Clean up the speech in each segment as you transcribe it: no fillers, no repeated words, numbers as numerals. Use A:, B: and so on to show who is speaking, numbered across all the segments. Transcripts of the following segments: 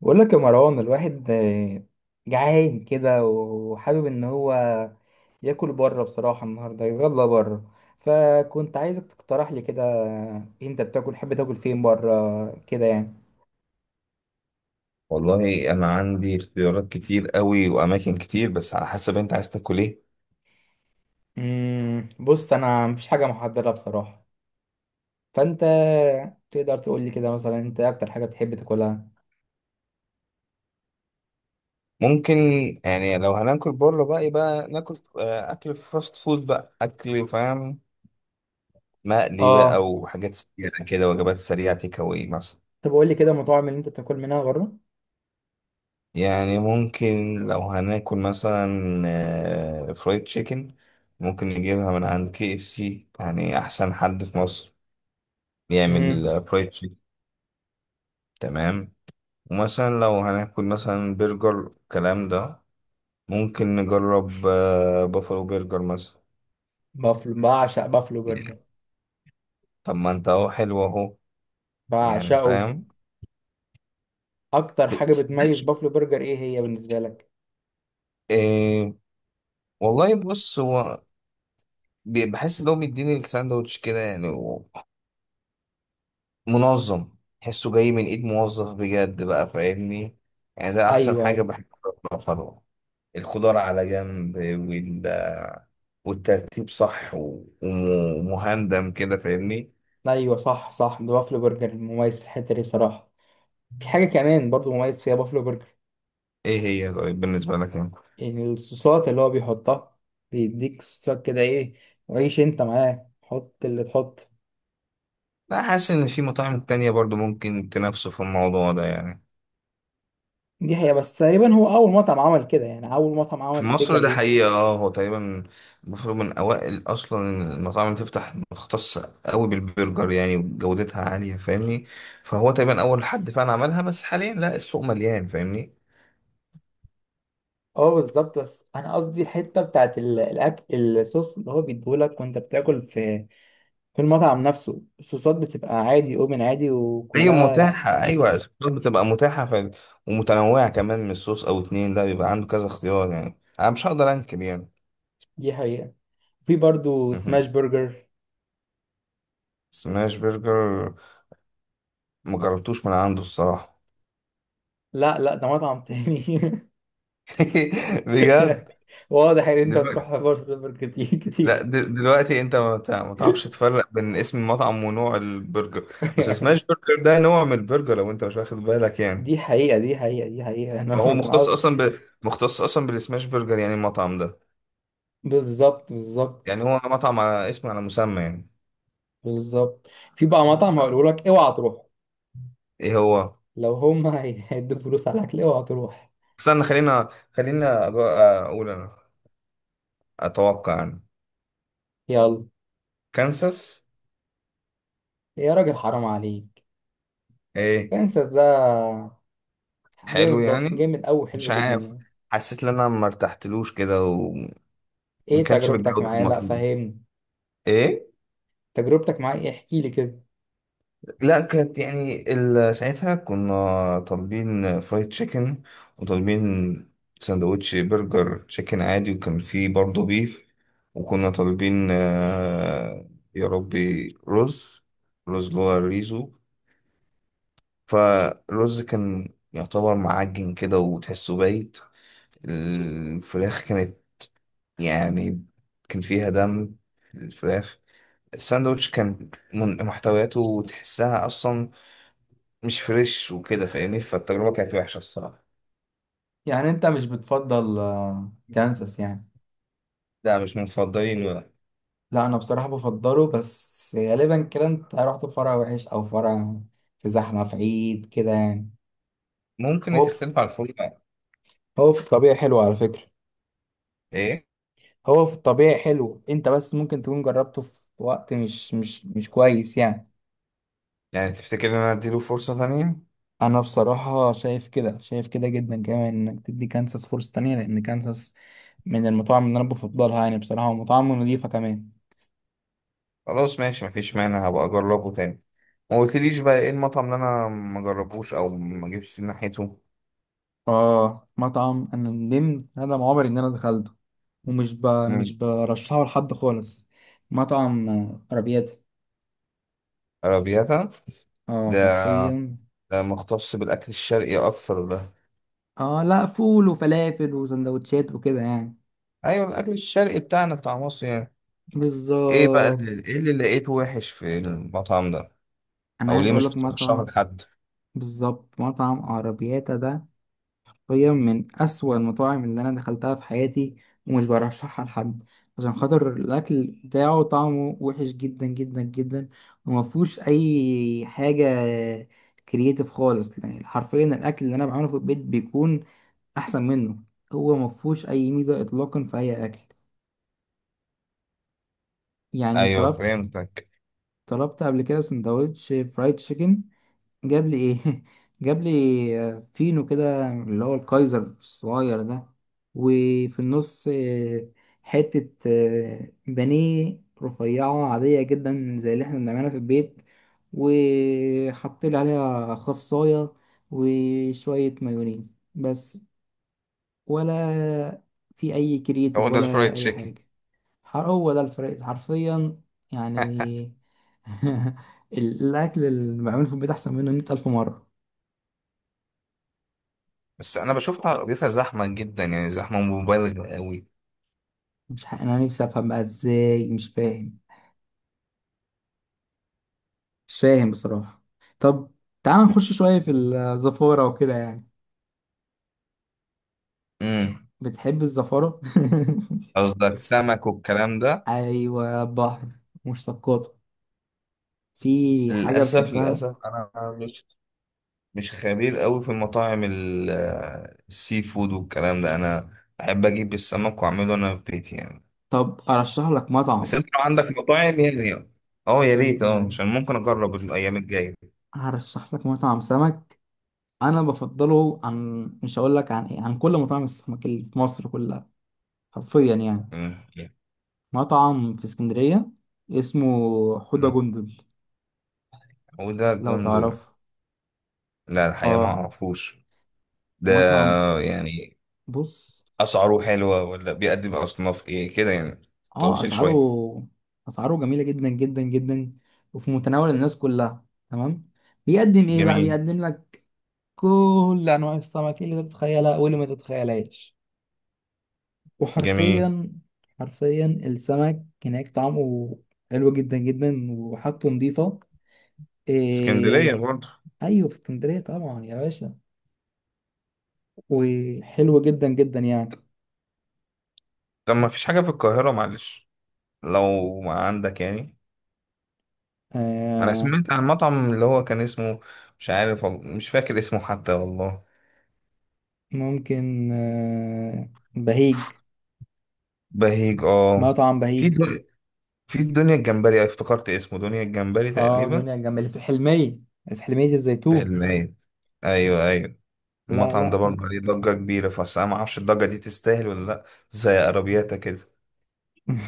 A: بقول لك يا مروان، الواحد جعان كده وحابب ان هو ياكل بره، بصراحة النهاردة يتغدى بره. فكنت عايزك تقترح لي كده، انت بتاكل تحب تاكل فين بره كده يعني.
B: والله انا عندي اختيارات كتير قوي واماكن كتير، بس على حسب انت عايز تاكل ايه؟
A: بص، انا مفيش حاجة محددة بصراحة. فانت تقدر تقول لي كده مثلا، انت اكتر حاجة بتحب تاكلها؟
B: ممكن يعني لو هناكل بره بقى يبقى ناكل اكل فاست فود بقى، اكل فاهم، مقلي
A: اه،
B: بقى وحاجات سريعه كده، وجبات سريعه تيك اواي مثلا.
A: طب قول لي كده المطاعم اللي انت بتاكل منها بره.
B: يعني ممكن لو هناكل مثلا فرايد تشيكن، ممكن نجيبها من عند كي اف سي، يعني احسن حد في مصر
A: امم
B: بيعمل فرايد تشيكن. تمام. ومثلا لو هناكل مثلا برجر الكلام ده، ممكن نجرب بافالو برجر مثلا.
A: بعشق بافلو برجر،
B: طب ما انت اهو حلو اهو، يعني
A: بعشقه.
B: فاهم.
A: اكتر
B: ب-
A: حاجة بتميز
B: ماشي.
A: بافلو برجر ايه هي بالنسبة لك؟
B: إيه. والله بص هو بحس ان هو بيديني الساندوتش كده، يعني منظم، تحسه جاي من ايد موظف بجد، بقى فاهمني؟ يعني ده احسن
A: ايوه،
B: حاجة
A: ايوه.
B: بحب. بافالو، الخضار على جنب والترتيب صح ومهندم كده، فاهمني؟
A: ايوه صح، صح. ده بافلو برجر مميز في الحته دي بصراحه. في حاجه كمان برضو مميز فيها بافلو برجر.
B: ايه هي طيب بالنسبة لك انت؟
A: يعني الصوصات اللي هو بيحطها، بيديك صوصات كده ايه، وعيش انت معاه حط اللي تحط.
B: لا، حاسس ان في مطاعم تانية برضو ممكن تنافسه في الموضوع ده يعني.
A: دي حقيقه، بس تقريبا هو اول مطعم عمل كده، يعني اول مطعم عمل
B: في
A: الفكره
B: مصر ده
A: دي.
B: حقيقة، اه، هو تقريبا المفروض من اوائل اصلا المطاعم اللي تفتح مختصة قوي بالبرجر، يعني وجودتها عالية، فاهمني؟ فهو تقريبا اول حد فعلا عملها، بس حاليا لا، السوق مليان، فاهمني؟
A: اه بالظبط، بس انا قصدي الحته بتاعت الاكل، الصوص اللي هو بيديهولك وانت بتاكل في المطعم نفسه، الصوصات بتبقى عادي، اوبن عادي
B: هي
A: وكلها.
B: متاحة، ايوه الصوصات بتبقى متاحة، ف... ومتنوعة كمان، من صوص او اتنين لا، بيبقى عنده كذا اختيار، يعني انا مش هقدر انكر يعني.
A: دي حقيقه. في برضو سماش
B: مهم.
A: برجر.
B: سماش برجر مجربتوش من عنده الصراحة.
A: لا، لا، ده مطعم تاني.
B: بجد.
A: واضح ان انت
B: دلوقتي
A: بتروح برجر كتير
B: لا،
A: كتير.
B: دلوقتي انت ما تعرفش تفرق بين اسم المطعم ونوع البرجر. بس سماش برجر ده نوع من البرجر لو انت مش واخد بالك يعني.
A: دي حقيقة، دي حقيقة، دي حقيقة، انا
B: فهو
A: كان
B: مختص
A: قصدي.
B: اصلا، ب... مختص اصلا بالسماش برجر، يعني المطعم ده،
A: بالظبط، بالظبط،
B: يعني هو مطعم على اسم، على مسمى يعني.
A: بالظبط. في بقى مطعم هقوله لك اوعى تروح.
B: ايه هو؟
A: لو هم هيدوا فلوس على الاكل، اوعى تروح.
B: استنى، خلينا اقول انا، اتوقع انا
A: يلا
B: كانساس.
A: يا راجل، حرام عليك.
B: ايه؟
A: كانساس ده
B: حلو
A: جامد،
B: يعني؟
A: جامد قوي،
B: مش
A: حلو جدا
B: عارف،
A: يعني.
B: حسيت ان انا ما ارتحتلوش كده، وما
A: ايه
B: كانش
A: تجربتك
B: بالجودة
A: معاه؟ لا،
B: المطلوبة.
A: فهمني.
B: ايه؟
A: تجربتك معاه ايه احكي لي كده.
B: لا كانت يعني، ال- ساعتها كنا طالبين فرايد تشيكن، وطالبين سندوتش برجر تشيكن عادي، وكان فيه برضه بيف، وكنا طالبين يا ربي، رز، رز اللي هو الريزو. فالرز كان يعتبر معجن كده، وتحسه بايت. الفراخ كانت يعني كان فيها دم، الفراخ. الساندوتش كان محتوياته تحسها أصلا مش فريش وكده، فاهمني؟ فالتجربة كانت وحشة الصراحة.
A: يعني انت مش بتفضل كانساس يعني؟
B: لا مش من مفضلين ولا.
A: لا، انا بصراحه بفضله. بس غالبا كده انت رحت في فرع وحش، او فرع في زحمه في عيد كده يعني.
B: ممكن
A: هو في
B: تختلف على الفول بقى.
A: هو في الطبيعي حلو على فكرة.
B: ايه.
A: هو في الطبيعي حلو، انت بس ممكن تكون جربته في وقت مش كويس يعني.
B: يعني تفتكر ان انا اديله فرصة تانية؟
A: انا بصراحة شايف كده، شايف كده جدا كمان، انك تدي كانساس فرصة تانية لان كانساس من المطاعم اللي انا بفضلها يعني بصراحة، ومطاعم نظيفة كمان.
B: خلاص ماشي، مفيش مانع، هبقى اجربه تاني. ما قلتليش بقى ايه المطعم اللي انا ما جربوش او ما جبتش ناحيته؟
A: اه، مطعم انا ندمت ندم عمري ان انا دخلته. ومش ب... مش
B: مم.
A: برشحه لحد خالص. مطعم عربيات.
B: عربياتا
A: اه
B: ده؟
A: حرفيا.
B: ده مختص بالاكل الشرقي اكتر ده؟
A: اه، لا، فول وفلافل وسندوتشات وكده يعني.
B: ايوه الاكل الشرقي بتاعنا، بتاع مصر يعني. ايه بقى
A: بالظبط.
B: اللي، ايه اللي لقيته وحش في المطعم ده؟
A: انا
B: او
A: عايز
B: ليه
A: اقول
B: مش
A: لك
B: بترشحه
A: مطعم.
B: لحد؟
A: بالظبط، مطعم عربياتا ده حرفيا من اسوأ المطاعم اللي انا دخلتها في حياتي. ومش برشحها لحد، عشان خاطر الاكل بتاعه طعمه وحش جدا جدا جدا. وما فيهوش اي حاجه كرييتيف خالص، يعني حرفيا الاكل اللي انا بعمله في البيت بيكون احسن منه. هو ما فيهوش اي ميزه اطلاقا في اي اكل. يعني
B: ايوه
A: طلبت
B: فهمتك.
A: طلبت قبل كده سندوتش فرايد تشيكن. جاب لي ايه، جاب لي فينو كده اللي هو الكايزر الصغير ده. وفي النص، حته بانيه رفيعه عاديه جدا زي اللي احنا بنعملها في البيت. وحط لي عليها خصايه، وشويه مايونيز بس. ولا في اي
B: هو
A: كرياتيف
B: ده الفرايد
A: ولا اي
B: تشيكن؟
A: حاجه. هو ده الفرق حرفيا يعني. الأكل اللي بعمله في البيت أحسن منه مية ألف مرة.
B: بس انا بشوفها قضيتها زحمه جدا يعني، زحمه مبالغ قوي.
A: مش ح... أنا نفسي أفهم بقى إزاي، مش فاهم. مش فاهم بصراحة. طب، تعال نخش شوية في الزفارة وكده يعني.
B: امم.
A: بتحب الزفارة؟
B: قصدك سمك والكلام ده؟
A: أيوة، بحر مشتقاته. في حاجة
B: للاسف،
A: بتحبها؟
B: للاسف انا مش، مش خبير قوي في المطاعم السي فود والكلام ده. انا بحب اجيب السمك واعمله انا في بيتي يعني.
A: طب أرشح لك
B: بس
A: مطعم.
B: انت لو عندك مطاعم يعني، اه يا ريت،
A: أيوة،
B: اه،
A: أيوة.
B: عشان ممكن اجرب الايام الجايه.
A: هرشح لك مطعم سمك. أنا بفضله عن، مش هقول لك عن إيه، عن كل مطاعم السمك اللي في مصر كلها. حرفيا يعني.
B: امم.
A: مطعم في اسكندرية، اسمه حوضة
B: امم.
A: جندل.
B: وده
A: لو
B: جندل؟
A: تعرفه.
B: لا الحقيقه ما
A: اه
B: اعرفوش. ده
A: مطعم.
B: يعني
A: بص،
B: أسعاره حلوة، ولا بيقدم أصناف إيه كده يعني؟
A: اه
B: تفاصيل
A: اسعاره،
B: شوية.
A: اسعاره جميلة جدا جدا جدا، وفي متناول الناس كلها. تمام. بيقدم ايه بقى؟
B: جميل.
A: بيقدم لك كل انواع السمك اللي تتخيلها واللي ما تتخيلهاش.
B: جميل.
A: وحرفيا، حرفيا السمك هناك طعمه حلو جدا جدا، وحاجته نظيفة.
B: اسكندرية
A: إيه...
B: برضه؟
A: ايوه في اسكندرية طبعا يا باشا، وحلو جدا جدا يعني.
B: طب ما فيش حاجة في القاهرة معلش، لو ما عندك يعني؟ أنا
A: آه،
B: سمعت عن مطعم اللي هو كان اسمه، مش عارف مش فاكر اسمه حتى والله.
A: ممكن، بهيج.
B: بهيج، اه.
A: مطعم
B: في
A: بهيج.
B: دنيا، في الدنيا الجمبري، افتكرت اسمه دنيا الجمبري
A: اه،
B: تقريبا.
A: دنيا الجنب اللي في الحلمية، في حلمية
B: في
A: الزيتون.
B: المايد. أيوه أيوه.
A: لا،
B: المطعم ده
A: لا.
B: برضه عليه ضجة كبيرة، بس أنا معرفش الضجة دي تستاهل ولا لأ، زي عربياتها كده.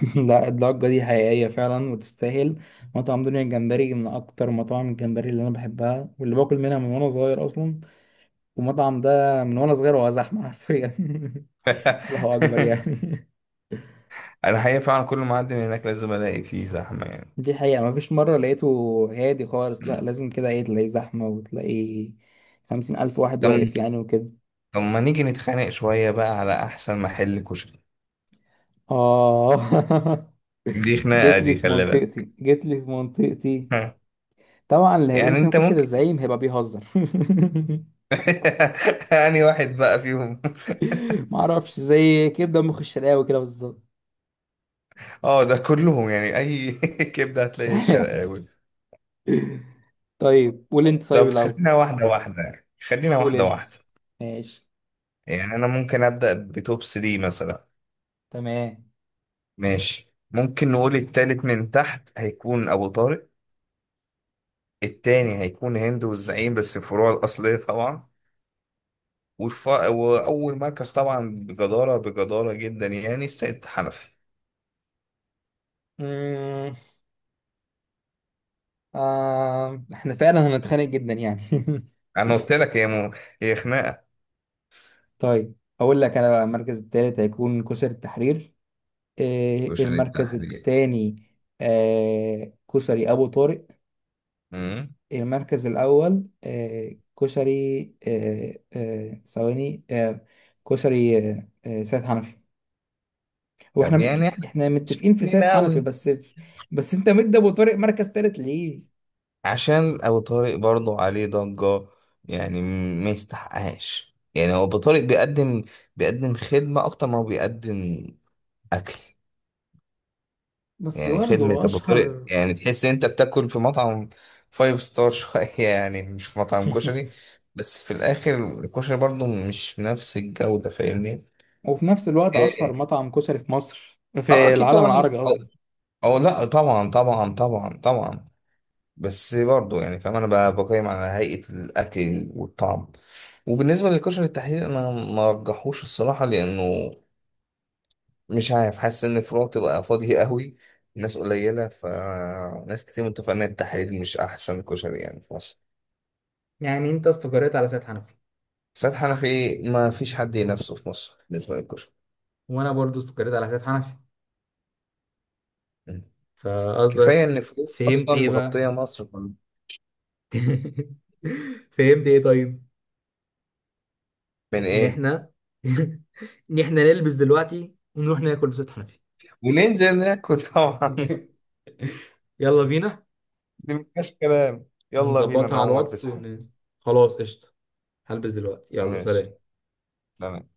A: لا، الضجة دي حقيقية فعلا وتستاهل. مطعم دنيا الجمبري من أكتر مطاعم الجمبري اللي أنا بحبها واللي باكل منها من وأنا صغير أصلا. والمطعم ده من وأنا صغير وهو زحمة حرفيا. الله أكبر يعني.
B: انا حقيقة فعلا كل ما اعدي من هناك لازم الاقي فيه زحمة يعني.
A: دي حقيقة، مفيش مرة لقيته هادي خالص. لا، لازم كده، ايه، تلاقي زحمة وتلاقي 50,000 واحد
B: طب،
A: واقف يعني وكده.
B: طب ما نيجي نتخانق شوية بقى على احسن محل كشري.
A: آه.
B: دي خناقة،
A: جيت لي
B: دي
A: في
B: خلي بالك.
A: منطقتي، جيت لي في منطقتي. طبعا اللي هيقول
B: يعني
A: فينا
B: انت
A: كشري
B: ممكن
A: الزعيم هيبقى بيهزر.
B: يعني واحد بقى فيهم.
A: معرفش، زي كبدة مخ الشرقاوي كده بالظبط.
B: اه ده كلهم يعني اي كبدة هتلاقي الشرقاوي.
A: طيب قول انت. طيب
B: طب
A: الأول
B: خلينا واحدة واحدة يعني. خلينا
A: قول
B: واحدة
A: انت.
B: واحدة.
A: ماشي،
B: يعني انا ممكن ابدأ بتوب 3 مثلا.
A: تمام.
B: ماشي، ممكن نقول التالت من تحت هيكون ابو طارق، التاني هيكون هند والزعيم، بس الفروع الأصلية طبعا. وأول مركز طبعا بجدارة، بجدارة جدا يعني، السيد حنفي.
A: مم. آه. احنا فعلا هنتخانق جدا يعني.
B: أنا قلت لك هي، م... هي خناقة.
A: طيب، اقول لك انا بقى. المركز الثالث هيكون كسر التحرير.
B: وشان
A: المركز
B: التحرير.
A: الثاني كسري ابو طارق.
B: أمم.
A: المركز الاول، كسري، ثواني، كسري، سيد حنفي. هو
B: طب
A: احنا
B: يعني إحنا
A: احنا
B: مش
A: متفقين في
B: فاهمين
A: سيد حنفي
B: أوي.
A: بس. بس انت مدي ابو طارق مركز ثالث ليه؟
B: عشان أبو طارق برضه عليه ضجة يعني، ما يستحقهاش يعني. هو أبو طارق بيقدم، بيقدم خدمة أكتر ما هو بيقدم أكل.
A: بس
B: يعني خدمة
A: برضه
B: أبو طارق
A: اشهر.
B: يعني تحس إن أنت بتاكل في مطعم فايف ستار شوية يعني مش في مطعم كشري. بس في الآخر الكشري برضو مش بنفس الجودة، فاهمني؟
A: وفي نفس الوقت اشهر
B: إيه.
A: مطعم كشري في مصر،
B: اه
A: في
B: اكيد
A: العالم
B: طبعا،
A: العربي
B: او
A: قصدي.
B: او لا طبعا طبعا طبعا طبعا. بس برضو يعني فاهم، انا بقيم على هيئة الاكل والطعم. وبالنسبة للكشري التحرير انا ما رجحوش الصراحة، لانه مش عارف، حاسس ان الفروع تبقى فاضية قوي، ناس قليلة، فناس كتير متفقة ان التحرير مش احسن كشري يعني في مصر.
A: يعني انت استقريت على سيد حنفي.
B: سيد حنفي، ما فيش حد ينافسه في مصر بالنسبة للكشري.
A: وانا برضو استقريت على حساب حنفي.
B: م. كفاية
A: فقصدك
B: ان فروع
A: فهمت
B: اصلا
A: ايه بقى؟
B: مغطية مصر كلها.
A: فهمت ايه طيب؟
B: من
A: ان
B: ايه؟
A: احنا ان احنا نلبس دلوقتي ونروح ناكل في ست حنفي.
B: وننزل ناكل طبعا.
A: يلا بينا.
B: دي مفيهاش كلام، يلا بينا،
A: هنظبطها
B: انا
A: على
B: هقوم
A: الواتس
B: البس حاجة.
A: خلاص قشطة. هلبس دلوقتي، يلا،
B: ماشي.
A: سلام.
B: تمام.